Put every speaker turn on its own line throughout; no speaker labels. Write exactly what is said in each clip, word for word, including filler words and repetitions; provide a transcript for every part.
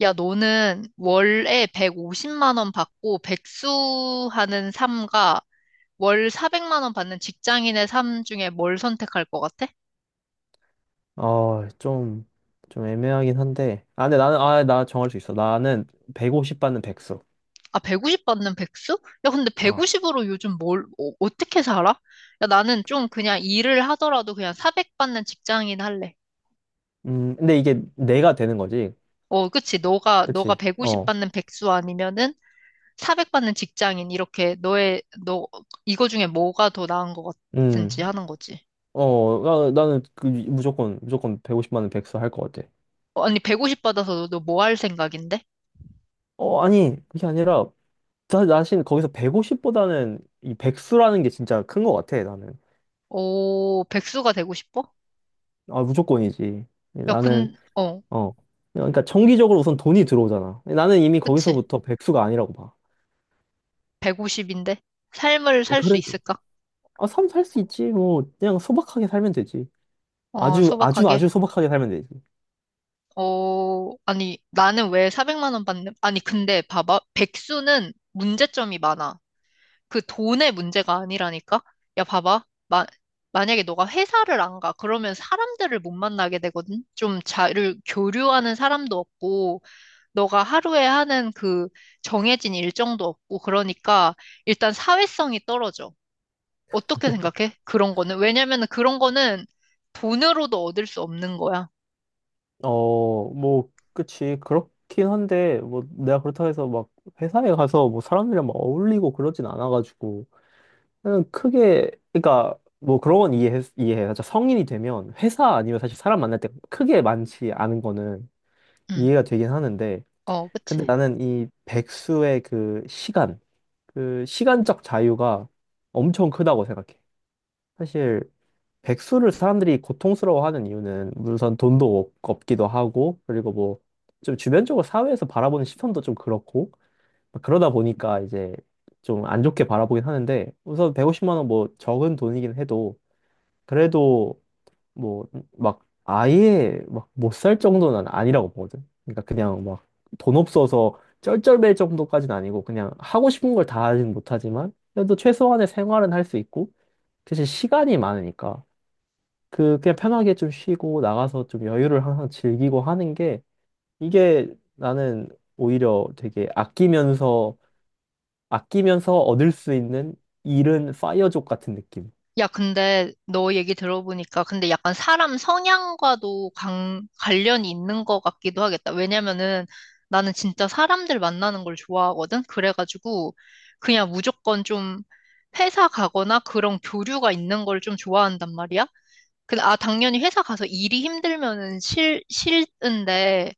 야, 너는 월에 백오십만 원 받고 백수하는 삶과 월 사백만 원 받는 직장인의 삶 중에 뭘 선택할 것 같아?
어, 좀, 좀 애매하긴 한데. 아, 근데 나는, 아, 나 정할 수 있어. 나는 백오십 받는 백수.
아, 백오십 받는 백수? 야, 근데
어.
백오십으로 요즘 뭘, 어, 떻게 살아? 야, 나는 좀 그냥 일을 하더라도 그냥 사백 받는 직장인 할래.
음, 근데 이게 내가 되는 거지.
어, 그치. 너가, 너가
그치?
백오십
어.
받는 백수 아니면은 사백 받는 직장인. 이렇게 너의, 너, 이거 중에 뭐가 더 나은 것 같은지
음.
하는 거지.
어, 나, 나는 그 무조건, 무조건 백오십 받는 백수 할 것 같아.
어, 아니, 백오십 받아서 너 뭐 할 생각인데?
어, 아니, 그게 아니라, 나, 나신 거기서 백오십보다는 이 백수라는 게 진짜 큰 것 같아, 나는.
오, 백수가 되고 싶어?
아, 무조건이지.
야,
나는,
근, 어,
어. 그러니까 정기적으로 우선 돈이 들어오잖아. 나는 이미
그치.
거기서부터 백수가 아니라고 봐.
백오십인데? 삶을 살 수
그래도.
있을까?
아, 삶 살 수 있지. 뭐, 그냥 소박하게 살면 되지.
어,
아주, 아주,
소박하게.
아주 소박하게 살면 되지.
어, 아니, 나는 왜 사백만 원 받는, 아니, 근데 봐봐. 백수는 문제점이 많아. 그 돈의 문제가 아니라니까? 야, 봐봐. 마, 만약에 너가 회사를 안 가. 그러면 사람들을 못 만나게 되거든? 좀 자를 교류하는 사람도 없고, 너가 하루에 하는 그 정해진 일정도 없고, 그러니까 일단 사회성이 떨어져. 어떻게 생각해? 그런 거는? 왜냐면은 그런 거는 돈으로도 얻을 수 없는 거야.
어, 뭐, 그치. 그렇긴 한데, 뭐, 내가 그렇다고 해서 막 회사에 가서 뭐 사람들이랑 막 어울리고 그러진 않아가지고. 그냥 크게, 그러니까, 뭐 그런 건 이해해, 이해해. 진짜 성인이 되면 회사 아니면 사실 사람 만날 때 크게 많지 않은 거는
응.
이해가 되긴 하는데.
어,
근데
그치.
나는 이 백수의 그 시간, 그 시간적 자유가 엄청 크다고 생각해. 사실, 백수를 사람들이 고통스러워하는 이유는 우선 돈도 없- 없기도 하고 그리고 뭐 좀 주변적으로 사회에서 바라보는 시선도 좀 그렇고 그러다 보니까 이제 좀 안 좋게 바라보긴 하는데 우선 백오십만 원 뭐 적은 돈이긴 해도 그래도 뭐 막 아예 막 못 살 정도는 아니라고 보거든. 그러니까 그냥 막 돈 없어서 쩔쩔맬 정도까지는 아니고 그냥 하고 싶은 걸 다 하진 못하지만 그래도 최소한의 생활은 할 수 있고 대신 시간이 많으니까. 그 그냥 편하게 좀 쉬고 나가서 좀 여유를 항상 즐기고 하는 게 이게 나는 오히려 되게 아끼면서 아끼면서 얻을 수 있는 잃은 파이어족 같은 느낌.
야, 근데 너 얘기 들어보니까 근데 약간 사람 성향과도 관, 관련이 있는 것 같기도 하겠다. 왜냐면은 나는 진짜 사람들 만나는 걸 좋아하거든? 그래가지고 그냥 무조건 좀 회사 가거나 그런 교류가 있는 걸 좀 좋아한단 말이야. 근데 아, 당연히 회사 가서 일이 힘들면은 싫, 싫은데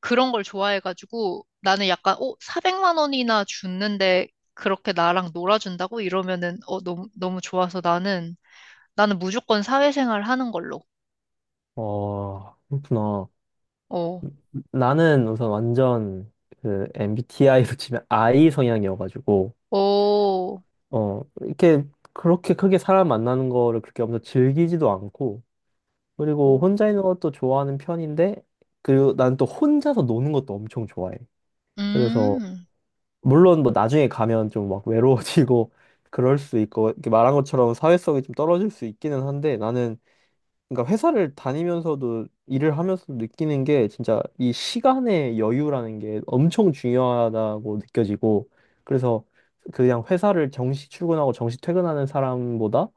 그런 걸 좋아해가지고 나는 약간 어 사백만 원이나 줬는데 그렇게 나랑 놀아준다고 이러면은 어 너무 너무 좋아서 나는 나는 무조건 사회생활 하는 걸로.
어, 그렇구나.
어,
나는 우선 완전 그 엠비티아이로 치면 I 성향이어가지고
오,
어 이렇게 그렇게 크게 사람 만나는 거를 그렇게 엄청 즐기지도 않고 그리고
오,
혼자 있는 것도 좋아하는 편인데 그리고 난 또 혼자서 노는 것도 엄청 좋아해. 그래서
음,
물론 뭐 나중에 가면 좀 막 외로워지고 그럴 수 있고 이렇게 말한 것처럼 사회성이 좀 떨어질 수 있기는 한데 나는 그러니까 회사를 다니면서도 일을 하면서도 느끼는 게 진짜 이 시간의 여유라는 게 엄청 중요하다고 느껴지고 그래서 그냥 회사를 정시 출근하고 정시 퇴근하는 사람보다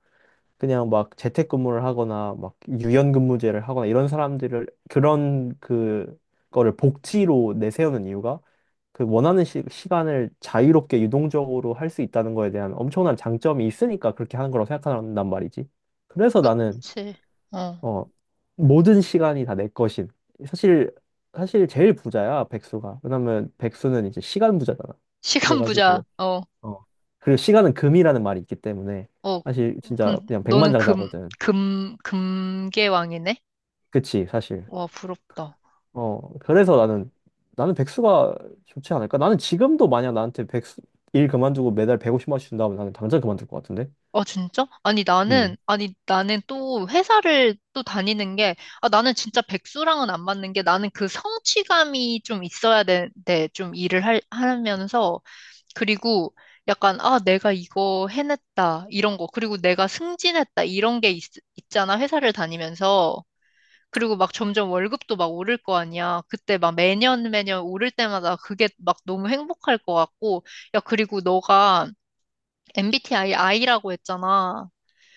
그냥 막 재택근무를 하거나 막 유연근무제를 하거나 이런 사람들을 그런 그 거를 복지로 내세우는 이유가 그 원하는 시, 시간을 자유롭게 유동적으로 할 수 있다는 거에 대한 엄청난 장점이 있으니까 그렇게 하는 거라고 생각한단 말이지. 그래서 나는
그치, 어,
어 모든 시간이 다 내 것인. 사실 사실 제일 부자야 백수가. 왜냐면 백수는 이제 시간 부자잖아.
시간 부자,
그래가지고
어,
어 그리고 시간은 금이라는 말이 있기 때문에
어,
사실
그럼
진짜 그냥
너는 금,
백만장자거든.
금, 금계왕이네?
그치, 사실.
와, 부럽다.
어, 그래서 나는, 나는 백수가 좋지 않을까? 나는 지금도 만약 나한테 백수, 일 그만두고 매달 백오십만 원씩 준다면 나는 당장 그만둘 것 같은데?
아, 진짜? 아니, 나는,
음,
아니, 나는 또 회사를 또 다니는 게, 아, 나는 진짜 백수랑은 안 맞는 게 나는 그 성취감이 좀 있어야 되는데, 좀 일을 할, 하면서, 그리고 약간, 아, 내가 이거 해냈다, 이런 거, 그리고 내가 승진했다, 이런 게 있, 있잖아, 회사를 다니면서. 그리고 막 점점 월급도 막 오를 거 아니야. 그때 막 매년 매년 오를 때마다 그게 막 너무 행복할 것 같고, 야, 그리고 너가 엠비티아이 I라고 했잖아.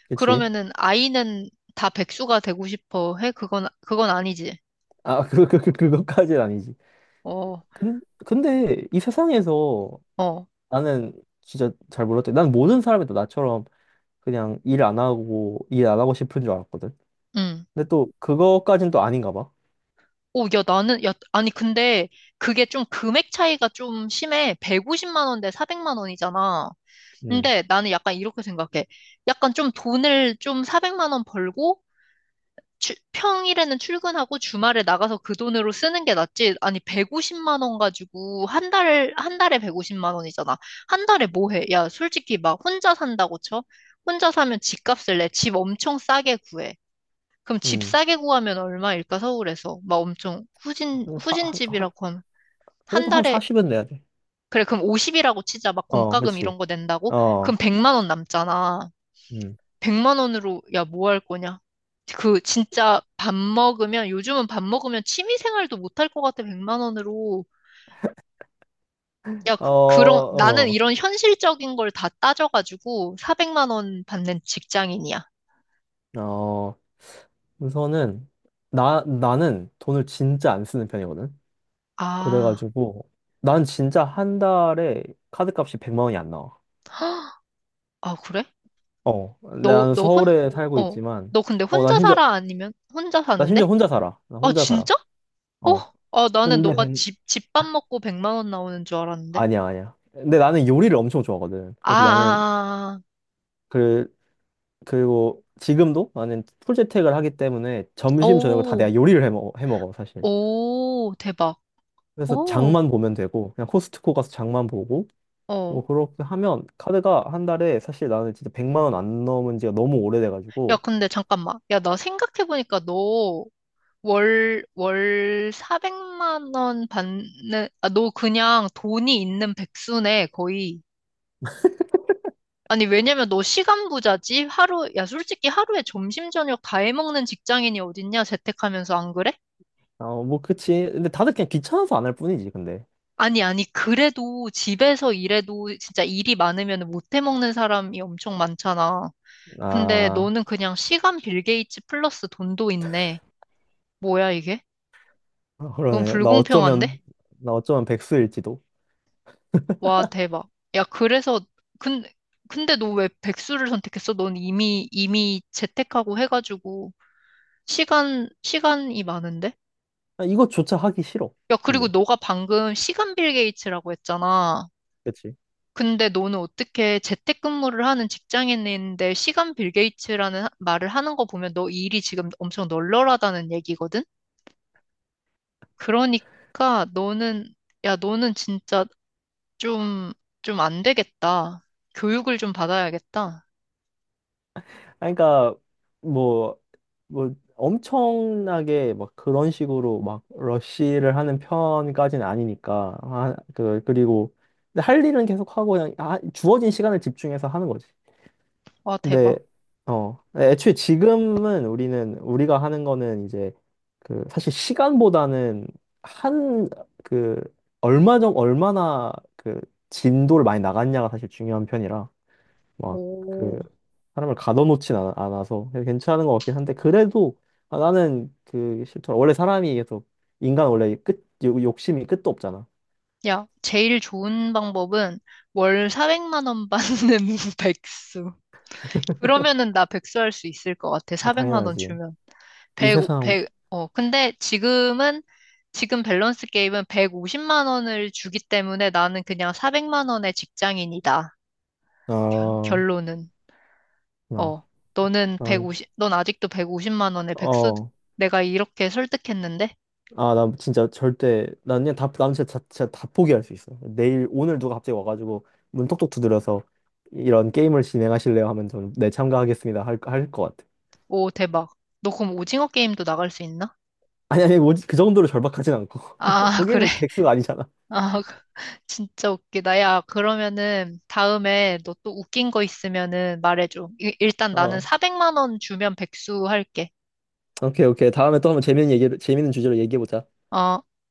그치.
그러면은 아이는 다 백수가 되고 싶어 해? 그건 그건 아니지.
아, 그, 그, 그, 그것까지는 아니지.
어,
근, 근데 이 세상에서
어,
나는 진짜 잘 몰랐대. 난 모든 사람이 다 나처럼 그냥 일 안 하고, 일 안 하고 싶은 줄 알았거든.
응.
근데 또, 그거까진 또 아닌가 봐.
오, 야, 나는 야, 아니 근데 그게 좀 금액 차이가 좀 심해. 백오십만 원대 사백만 원이잖아.
음,
근데 나는 약간 이렇게 생각해. 약간 좀 돈을 좀 사백만 원 벌고 추- 평일에는 출근하고 주말에 나가서 그 돈으로 쓰는 게 낫지. 아니, 백오십만 원 가지고 한 달, 한 달에 백오십만 원이잖아. 한 달에 뭐 해? 야, 솔직히 막 혼자 산다고 쳐? 혼자 사면 집값을 내. 집 엄청 싸게 구해. 그럼 집
음.
싸게 구하면 얼마일까, 서울에서? 막 엄청 후진,
한 사, 한,
후진집이라고 하면. 한
그래도 한
달에,
사십은 내야 돼.
그래, 그럼 오십이라고 치자. 막
어,
공과금
그치.
이런 거 낸다고? 그럼
어.
백만 원 남잖아.
음.
백만 원으로 야, 뭐 할 거냐? 그 진짜 밥 먹으면 요즘은 밥 먹으면 취미 생활도 못할 것 같아. 백만 원으로. 야,
어,
그, 그런 나는
어.
이런 현실적인 걸 다 따져가지고 사백만 원 받는 직장인이야.
어, 우선은, 나, 나는 돈을 진짜 안 쓰는 편이거든.
아,
그래가지고, 난 진짜 한 달에 카드값이 백만 원이 안 나와.
아 그래?
어,
너,
난
너 혼,
서울에 살고
어,
있지만,
너 근데
어, 난
혼자
심지어,
살아? 아니면 혼자
나
사는데?
심지어 혼자 살아. 나
아,
혼자 살아.
진짜?
어.
어? 아, 나는
근데,
너가
된-
집, 집밥 먹고 백만 원 나오는 줄 알았는데.
아니야, 아니야. 근데 나는 요리를 엄청 좋아하거든.
아,
그래서 나는,
아, 아. 아.
그, 그리고 지금도 나는 풀재택을 하기 때문에 점심, 저녁을 다
오,
내가 요리를 해 먹어, 해 먹어, 사실.
오, 대박.
그래서
오.
장만 보면 되고, 그냥 코스트코 가서 장만 보고,
어.
뭐 그렇게 하면 카드가 한 달에 사실 나는 진짜 백만 원 안 넘은 지가 너무
야,
오래돼가지고
근데 잠깐만. 야, 나 생각해보니까 너 월, 월 사백만 원 받는, 아, 너 그냥 돈이 있는 백수네, 거의. 아니, 왜냐면 너 시간 부자지? 하루, 야, 솔직히 하루에 점심, 저녁 다 해먹는 직장인이 어딨냐? 재택하면서 안 그래?
어 뭐 그치 근데 다들 그냥 귀찮아서 안 할 뿐이지 근데
아니, 아니, 그래도 집에서 일해도 진짜 일이 많으면 못 해먹는 사람이 엄청 많잖아. 근데
아
너는 그냥 시간 빌 게이츠 플러스 돈도 있네. 뭐야, 이게?
아,
너무
그러네 나
불공평한데?
어쩌면 나 어쩌면 백수일지도.
와, 대박. 야, 그래서, 근, 근데 너 왜 백수를 선택했어? 넌 이미, 이미 재택하고 해가지고, 시간, 시간이 많은데?
아, 이것조차 하기 싫어.
야, 그리고
근데
너가 방금 시간 빌 게이츠라고 했잖아.
그치.
근데 너는 어떻게 재택근무를 하는 직장인인데 시간 빌 게이츠라는 하- 말을 하는 거 보면 너 일이 지금 엄청 널널하다는 얘기거든? 그러니까 너는, 야, 너는 진짜 좀, 좀 안 되겠다. 교육을 좀 받아야겠다.
아 그러니까 뭐 뭐 엄청나게 막 그런 식으로 막 러쉬를 하는 편까지는 아니니까 아 그 그리고 근데 할 일은 계속 하고 그냥 아, 주어진 시간을 집중해서 하는 거지.
와,
근데
대박.
어 애초에 지금은 우리는 우리가 하는 거는 이제 그 사실 시간보다는 한 그 얼마 정 얼마나 그 진도를 많이 나갔냐가 사실 중요한 편이라 막 그
오.
사람을 가둬놓진 않, 않아서 그래서 괜찮은 것 같긴 한데 그래도 아, 나는 그 싫더라. 원래 사람이 계속 인간 원래 끝 욕- 욕심이 끝도 없잖아.
야, 제일 좋은 방법은 월 사백만 원 받는 백수. 그러면은 나 백수 할 수 있을 것 같아.
아
사백만 원
당연하지.
주면.
이
백오-
세상.
백 오백 어, 근데 지금은, 지금 밸런스 게임은 백오십만 원을 주기 때문에 나는 그냥 사백만 원의 직장인이다.
아
결론은.
나,
어, 너는 백
나,
오십 넌 아직도 백오십만 원의 백수,
어.
내가 이렇게 설득했는데?
아, 나 진짜 절대, 난 그냥 다, 난 진짜, 다- 진짜 다 포기할 수 있어. 내일, 오늘 누가 갑자기 와가지고 문 톡톡 두드려서 이런 게임을 진행하실래요? 하면 저는 네, 참가하겠습니다. 할, 할 것 같아.
오, 대박. 너 그럼 오징어 게임도 나갈 수 있나?
아니, 아니, 뭐지? 그 정도로 절박하진 않고.
아, 그래?
거기는 백수가 아니잖아.
아, 그- 진짜 웃기다. 야, 그러면은 다음에 너 또 웃긴 거 있으면은 말해줘. 이- 일단 나는
어,
사백만 원 주면 백수 할게.
오케이, 오케이. 다음에 또 한번 재밌는 얘기, 재밌는 주제로 얘기해보자.
어.